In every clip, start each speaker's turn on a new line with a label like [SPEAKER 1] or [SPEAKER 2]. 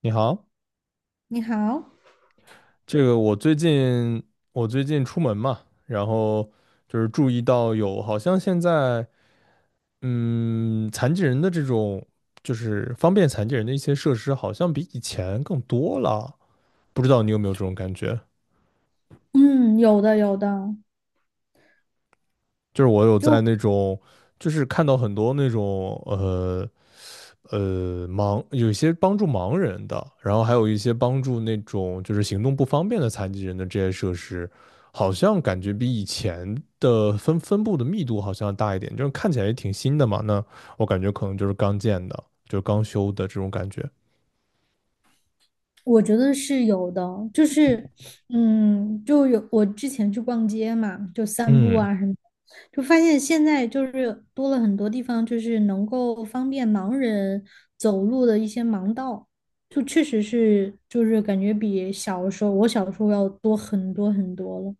[SPEAKER 1] 你好，
[SPEAKER 2] 你好，
[SPEAKER 1] 这个我最近我最近出门嘛，然后就是注意到有好像现在残疾人的这种就是方便残疾人的一些设施，好像比以前更多了，不知道你有没有这种感觉？
[SPEAKER 2] 嗯，有的有的，
[SPEAKER 1] 就是我有在那
[SPEAKER 2] 就
[SPEAKER 1] 种就是看到很多那种盲，有一些帮助盲人的，然后还有一些帮助那种就是行动不方便的残疾人的这些设施，好像感觉比以前的分布的密度好像要大一点，就是看起来也挺新的嘛。那我感觉可能就是刚建的，就是刚修的这种感觉。
[SPEAKER 2] 我觉得是有的，就是嗯，就有我之前去逛街嘛，就散步
[SPEAKER 1] 嗯
[SPEAKER 2] 啊什么的，就发现现在就是多了很多地方，就是能够方便盲人走路的一些盲道，确实是感觉比小的时候要多很多很多了。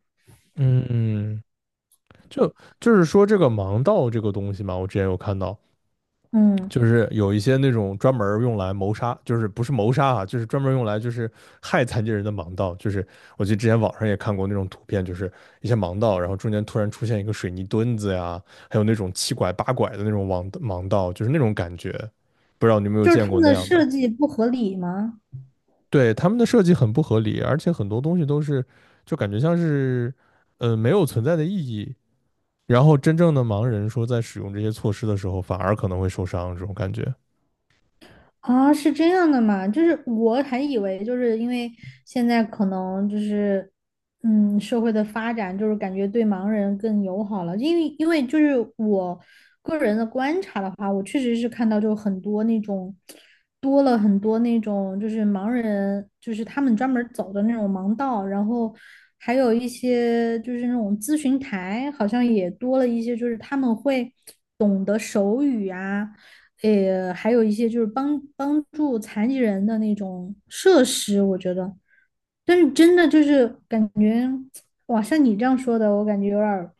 [SPEAKER 1] 嗯嗯，就就是说这个盲道这个东西嘛，我之前有看到，
[SPEAKER 2] 嗯，
[SPEAKER 1] 就是有一些那种专门用来谋杀，就是不是谋杀啊，就是专门用来就是害残疾人的盲道。就是我记得之前网上也看过那种图片，就是一些盲道，然后中间突然出现一个水泥墩子呀，还有那种七拐八拐的那种盲道，就是那种感觉。不知道你有没有
[SPEAKER 2] 就是
[SPEAKER 1] 见
[SPEAKER 2] 他
[SPEAKER 1] 过
[SPEAKER 2] 们
[SPEAKER 1] 那
[SPEAKER 2] 的
[SPEAKER 1] 样的？
[SPEAKER 2] 设计不合理吗？
[SPEAKER 1] 对，他们的设计很不合理，而且很多东西都是就感觉像是没有存在的意义。然后真正的盲人说在使用这些措施的时候，反而可能会受伤，这种感觉。
[SPEAKER 2] 啊，是这样的嘛？就是我还以为，就是因为现在可能就是，嗯，社会的发展就是感觉对盲人更友好了，因为就是我个人的观察的话，我确实是看到就很多那种就是盲人，就是他们专门儿走的那种盲道，然后还有一些就是那种咨询台，好像也多了一些，就是他们会懂得手语啊。还有一些就是帮助残疾人的那种设施，我觉得，但是真的就是感觉，哇，像你这样说的，我感觉有点儿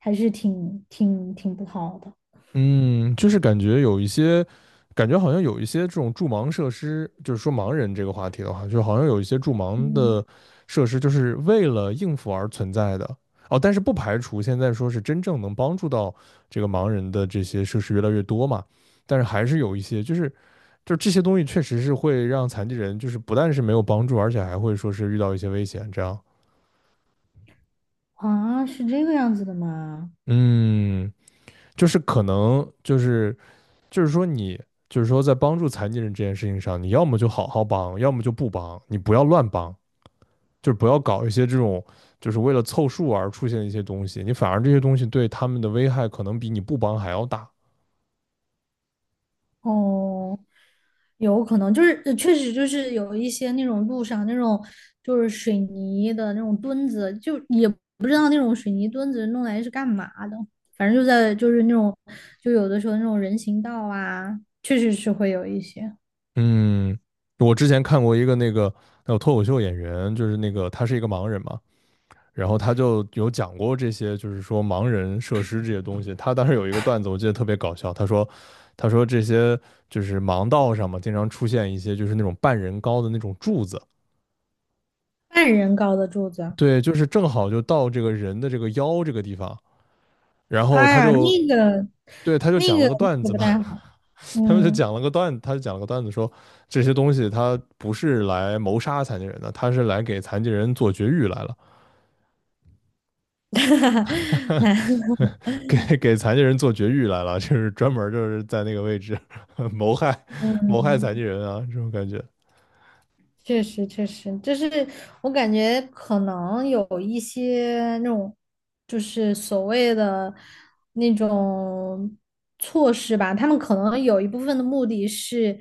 [SPEAKER 2] 还是挺不好的。
[SPEAKER 1] 嗯，就是感觉有一些，感觉好像有一些这种助盲设施，就是说盲人这个话题的话，就好像有一些助盲
[SPEAKER 2] 嗯，
[SPEAKER 1] 的设施，就是为了应付而存在的。哦，但是不排除现在说是真正能帮助到这个盲人的这些设施越来越多嘛，但是还是有一些，就是就是这些东西确实是会让残疾人就是不但是没有帮助，而且还会说是遇到一些危险这样。
[SPEAKER 2] 啊，是这个样子的吗？
[SPEAKER 1] 嗯，就是可能就是就是说你就是说在帮助残疾人这件事情上，你要么就好好帮，要么就不帮，你不要乱帮，就是不要搞一些这种就是为了凑数而出现的一些东西，你反而这些东西对他们的危害可能比你不帮还要大。
[SPEAKER 2] 哦，有可能就是确实就是有一些那种路上那种就是水泥的那种墩子，就也不知道那种水泥墩子弄来是干嘛的，反正就在就是那种就有的时候那种人行道啊，确实是会有一些
[SPEAKER 1] 嗯，我之前看过一个那个那个脱口秀演员，就是那个他是一个盲人嘛，然后他就有讲过这些，就是说盲人设施这些东西。他当时有一个段子，我记得特别搞笑。他说，他说这些就是盲道上嘛，经常出现一些就是那种半人高的那种柱子，
[SPEAKER 2] 半人高的柱子。
[SPEAKER 1] 对，就是正好就到这个人的这个腰这个地方。然后
[SPEAKER 2] 哎
[SPEAKER 1] 他
[SPEAKER 2] 呀，
[SPEAKER 1] 就，对，他就
[SPEAKER 2] 那
[SPEAKER 1] 讲了
[SPEAKER 2] 个
[SPEAKER 1] 个
[SPEAKER 2] 那
[SPEAKER 1] 段
[SPEAKER 2] 个
[SPEAKER 1] 子
[SPEAKER 2] 不
[SPEAKER 1] 嘛，
[SPEAKER 2] 太好，
[SPEAKER 1] 他们就讲
[SPEAKER 2] 嗯，
[SPEAKER 1] 了个段，他就讲了个段子说，这些东西他不是来谋杀残疾人的，他是来给残疾人做绝育来了。
[SPEAKER 2] 那
[SPEAKER 1] 给残疾人做绝育来了，就是专门就是在那个位置 谋害谋害残疾
[SPEAKER 2] 嗯。
[SPEAKER 1] 人啊，这种感觉。
[SPEAKER 2] 确实，确实，就是我感觉可能有一些那种，就是所谓的那种措施吧，他们可能有一部分的目的是，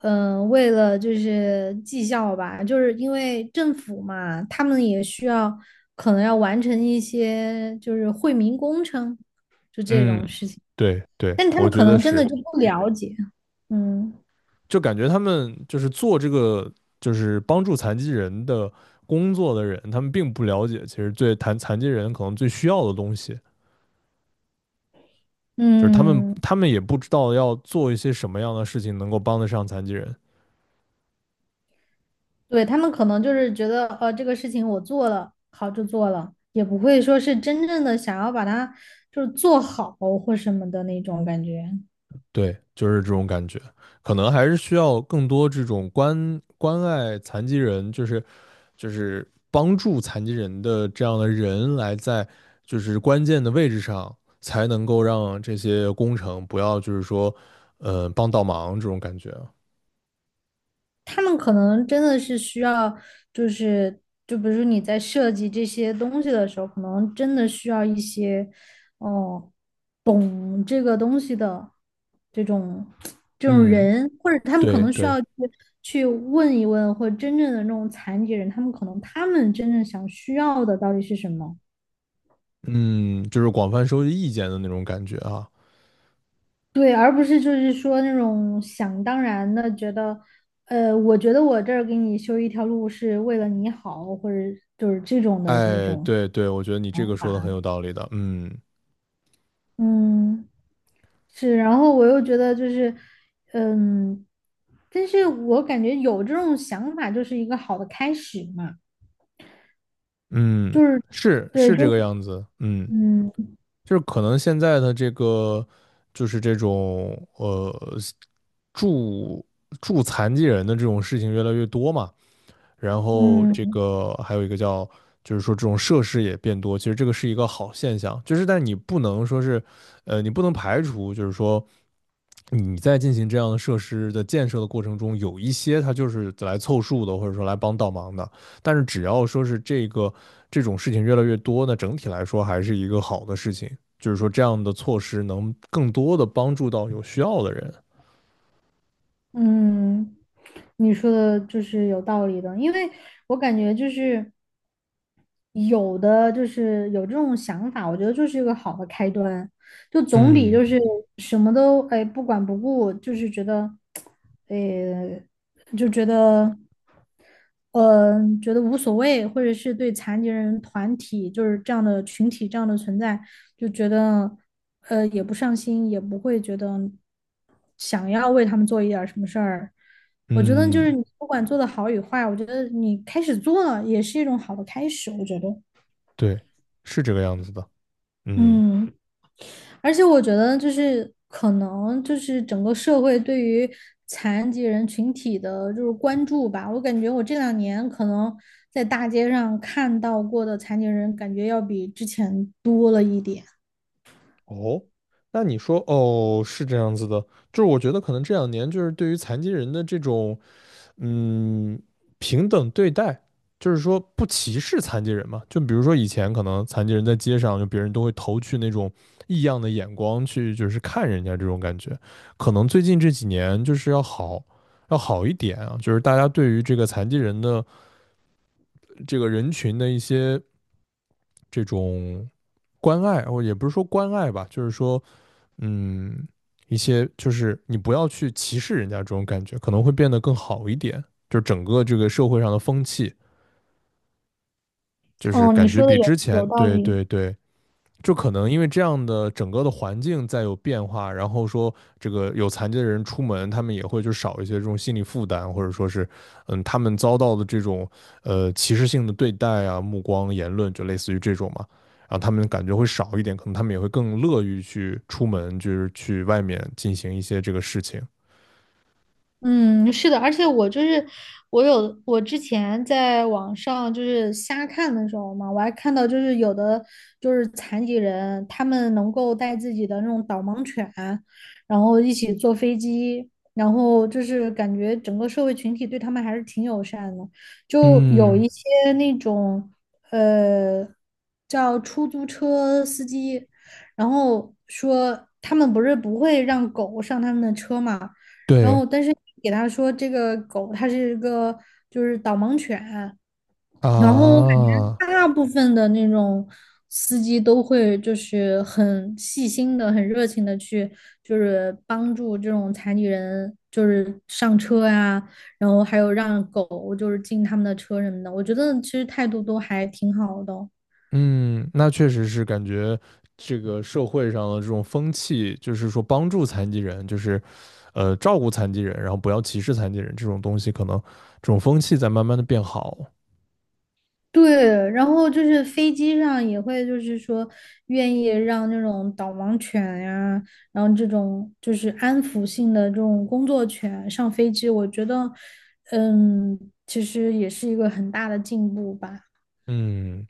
[SPEAKER 2] 嗯、为了就是绩效吧，就是因为政府嘛，他们也需要可能要完成一些就是惠民工程，就这
[SPEAKER 1] 嗯，
[SPEAKER 2] 种事情，
[SPEAKER 1] 对对，
[SPEAKER 2] 但他
[SPEAKER 1] 我
[SPEAKER 2] 们
[SPEAKER 1] 觉
[SPEAKER 2] 可
[SPEAKER 1] 得
[SPEAKER 2] 能真的
[SPEAKER 1] 是，
[SPEAKER 2] 就不了解。嗯
[SPEAKER 1] 就感觉他们就是做这个就是帮助残疾人的工作的人，他们并不了解其实最残疾人可能最需要的东西，就是他们
[SPEAKER 2] 嗯。
[SPEAKER 1] 他们也不知道要做一些什么样的事情能够帮得上残疾人。
[SPEAKER 2] 对，他们可能就是觉得，这个事情我做了，好就做了，也不会说是真正的想要把它就是做好或什么的那种感觉。
[SPEAKER 1] 对，就是这种感觉。可能还是需要更多这种关爱残疾人，就是就是帮助残疾人的这样的人来在就是关键的位置上，才能够让这些工程不要就是说，帮倒忙这种感觉啊。
[SPEAKER 2] 他们可能真的是需要，就是就比如说你在设计这些东西的时候，可能真的需要一些，哦，懂这个东西的这种这种
[SPEAKER 1] 嗯，
[SPEAKER 2] 人，或者他们可
[SPEAKER 1] 对
[SPEAKER 2] 能需
[SPEAKER 1] 对，
[SPEAKER 2] 要去问一问，或者真正的那种残疾人，他们真正想需要的到底是什么。
[SPEAKER 1] 嗯，就是广泛收集意见的那种感觉啊。
[SPEAKER 2] 对，而不是就是说那种想当然的觉得，我觉得我这儿给你修一条路是为了你好，或者就是这种的那
[SPEAKER 1] 哎，
[SPEAKER 2] 种
[SPEAKER 1] 对对，我觉得你这
[SPEAKER 2] 想
[SPEAKER 1] 个说的很
[SPEAKER 2] 法。
[SPEAKER 1] 有道理的。嗯
[SPEAKER 2] 嗯，是，然后我又觉得就是，嗯，但是我感觉有这种想法就是一个好的开始嘛，
[SPEAKER 1] 嗯，
[SPEAKER 2] 就是
[SPEAKER 1] 是
[SPEAKER 2] 对，
[SPEAKER 1] 是这
[SPEAKER 2] 就
[SPEAKER 1] 个样子。嗯。
[SPEAKER 2] 嗯
[SPEAKER 1] 就是可能现在的这个，就是这种助助残疾人的这种事情越来越多嘛，然后这
[SPEAKER 2] 嗯
[SPEAKER 1] 个还有一个叫，就是说这种设施也变多，其实这个是一个好现象，就是但你不能说是，你不能排除，就是说你在进行这样的设施的建设的过程中，有一些它就是来凑数的，或者说来帮倒忙的。但是只要说是这个这种事情越来越多，那整体来说还是一个好的事情，就是说这样的措施能更多的帮助到有需要的人。
[SPEAKER 2] 嗯，你说的就是有道理的，因为我感觉就是。有的就是有这种想法，我觉得就是一个好的开端。就总比
[SPEAKER 1] 嗯
[SPEAKER 2] 就是什么都哎不管不顾，就是觉得，呃，觉得，觉得无所谓，或者是对残疾人团体就是这样的群体这样的存在，就觉得，也不上心，也不会觉得想要为他们做一点儿什么事儿。我觉得就是
[SPEAKER 1] 嗯，
[SPEAKER 2] 你不管做的好与坏，我觉得你开始做了也是一种好的开始，我觉得，
[SPEAKER 1] 对，是这个样子的。嗯，
[SPEAKER 2] 嗯。而且我觉得就是可能就是整个社会对于残疾人群体的就是关注吧，我感觉我这两年可能在大街上看到过的残疾人，感觉要比之前多了一点。
[SPEAKER 1] 哦，那你说哦是这样子的，就是我觉得可能这两年就是对于残疾人的这种嗯平等对待，就是说不歧视残疾人嘛。就比如说以前可能残疾人在街上，就别人都会投去那种异样的眼光去，就是看人家这种感觉。可能最近这几年就是要好要好一点啊，就是大家对于这个残疾人的这个人群的一些这种关爱，哦，也不是说关爱吧，就是说。嗯，一些就是你不要去歧视人家这种感觉，可能会变得更好一点。就是整个这个社会上的风气，就是
[SPEAKER 2] 哦，你
[SPEAKER 1] 感觉
[SPEAKER 2] 说的
[SPEAKER 1] 比
[SPEAKER 2] 有
[SPEAKER 1] 之前，
[SPEAKER 2] 有道
[SPEAKER 1] 对
[SPEAKER 2] 理。
[SPEAKER 1] 对对，就可能因为这样的整个的环境在有变化，然后说这个有残疾的人出门，他们也会就少一些这种心理负担，或者说是，嗯，他们遭到的这种歧视性的对待啊、目光、言论，就类似于这种嘛，然后他们感觉会少一点，可能他们也会更乐于去出门，就是去外面进行一些这个事情。
[SPEAKER 2] 嗯，是的，而且我就是我有我之前在网上就是瞎看的时候嘛，我还看到就是有的就是残疾人，他们能够带自己的那种导盲犬，然后一起坐飞机，然后就是感觉整个社会群体对他们还是挺友善的，就有
[SPEAKER 1] 嗯，
[SPEAKER 2] 一些那种呃叫出租车司机，然后说他们不会让狗上他们的车嘛。然
[SPEAKER 1] 对
[SPEAKER 2] 后但是你给他说这个狗它是一个就是导盲犬，然后我感觉
[SPEAKER 1] 啊，
[SPEAKER 2] 大部分的那种司机都会就是很细心的、很热情的去就是帮助这种残疾人就是上车呀、然后还有让狗就是进他们的车什么的，我觉得其实态度都还挺好的哦。
[SPEAKER 1] 嗯，那确实是感觉这个社会上的这种风气，就是说帮助残疾人，就是照顾残疾人，然后不要歧视残疾人这种东西，可能这种风气在慢慢的变好。
[SPEAKER 2] 对，然后就是飞机上也会，就是说愿意让那种导盲犬呀，然后这种就是安抚性的这种工作犬上飞机，我觉得，嗯，其实也是一个很大的进步吧。
[SPEAKER 1] 嗯。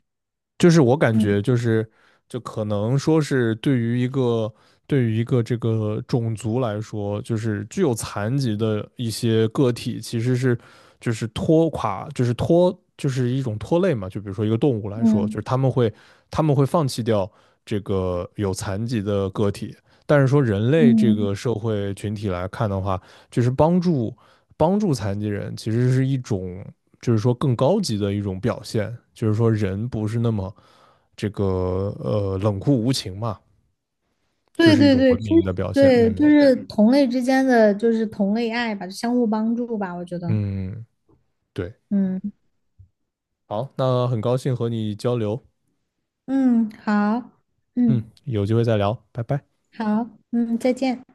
[SPEAKER 1] 就是我感觉就是，就可能说是对于一个对于一个这个种族来说，就是具有残疾的一些个体，其实是就是拖垮，就是拖，就是一种拖累嘛。就比如说一个动物来说，就是
[SPEAKER 2] 嗯
[SPEAKER 1] 他们会放弃掉这个有残疾的个体，但是说人类这
[SPEAKER 2] 嗯，
[SPEAKER 1] 个社会群体来看的话，就是帮助残疾人，其实是一种。就是说更高级的一种表现，就是说人不是那么这个冷酷无情嘛，就
[SPEAKER 2] 对
[SPEAKER 1] 是一
[SPEAKER 2] 对
[SPEAKER 1] 种
[SPEAKER 2] 对，
[SPEAKER 1] 文
[SPEAKER 2] 其实
[SPEAKER 1] 明的表现。
[SPEAKER 2] 对，就
[SPEAKER 1] 嗯
[SPEAKER 2] 是同类之间的就是同类爱吧，相互帮助吧，我觉得。
[SPEAKER 1] 嗯，对，
[SPEAKER 2] 嗯
[SPEAKER 1] 好，那很高兴和你交流，
[SPEAKER 2] 嗯，好，
[SPEAKER 1] 嗯，
[SPEAKER 2] 嗯
[SPEAKER 1] 有机会再聊，拜拜。
[SPEAKER 2] 好，嗯，再见。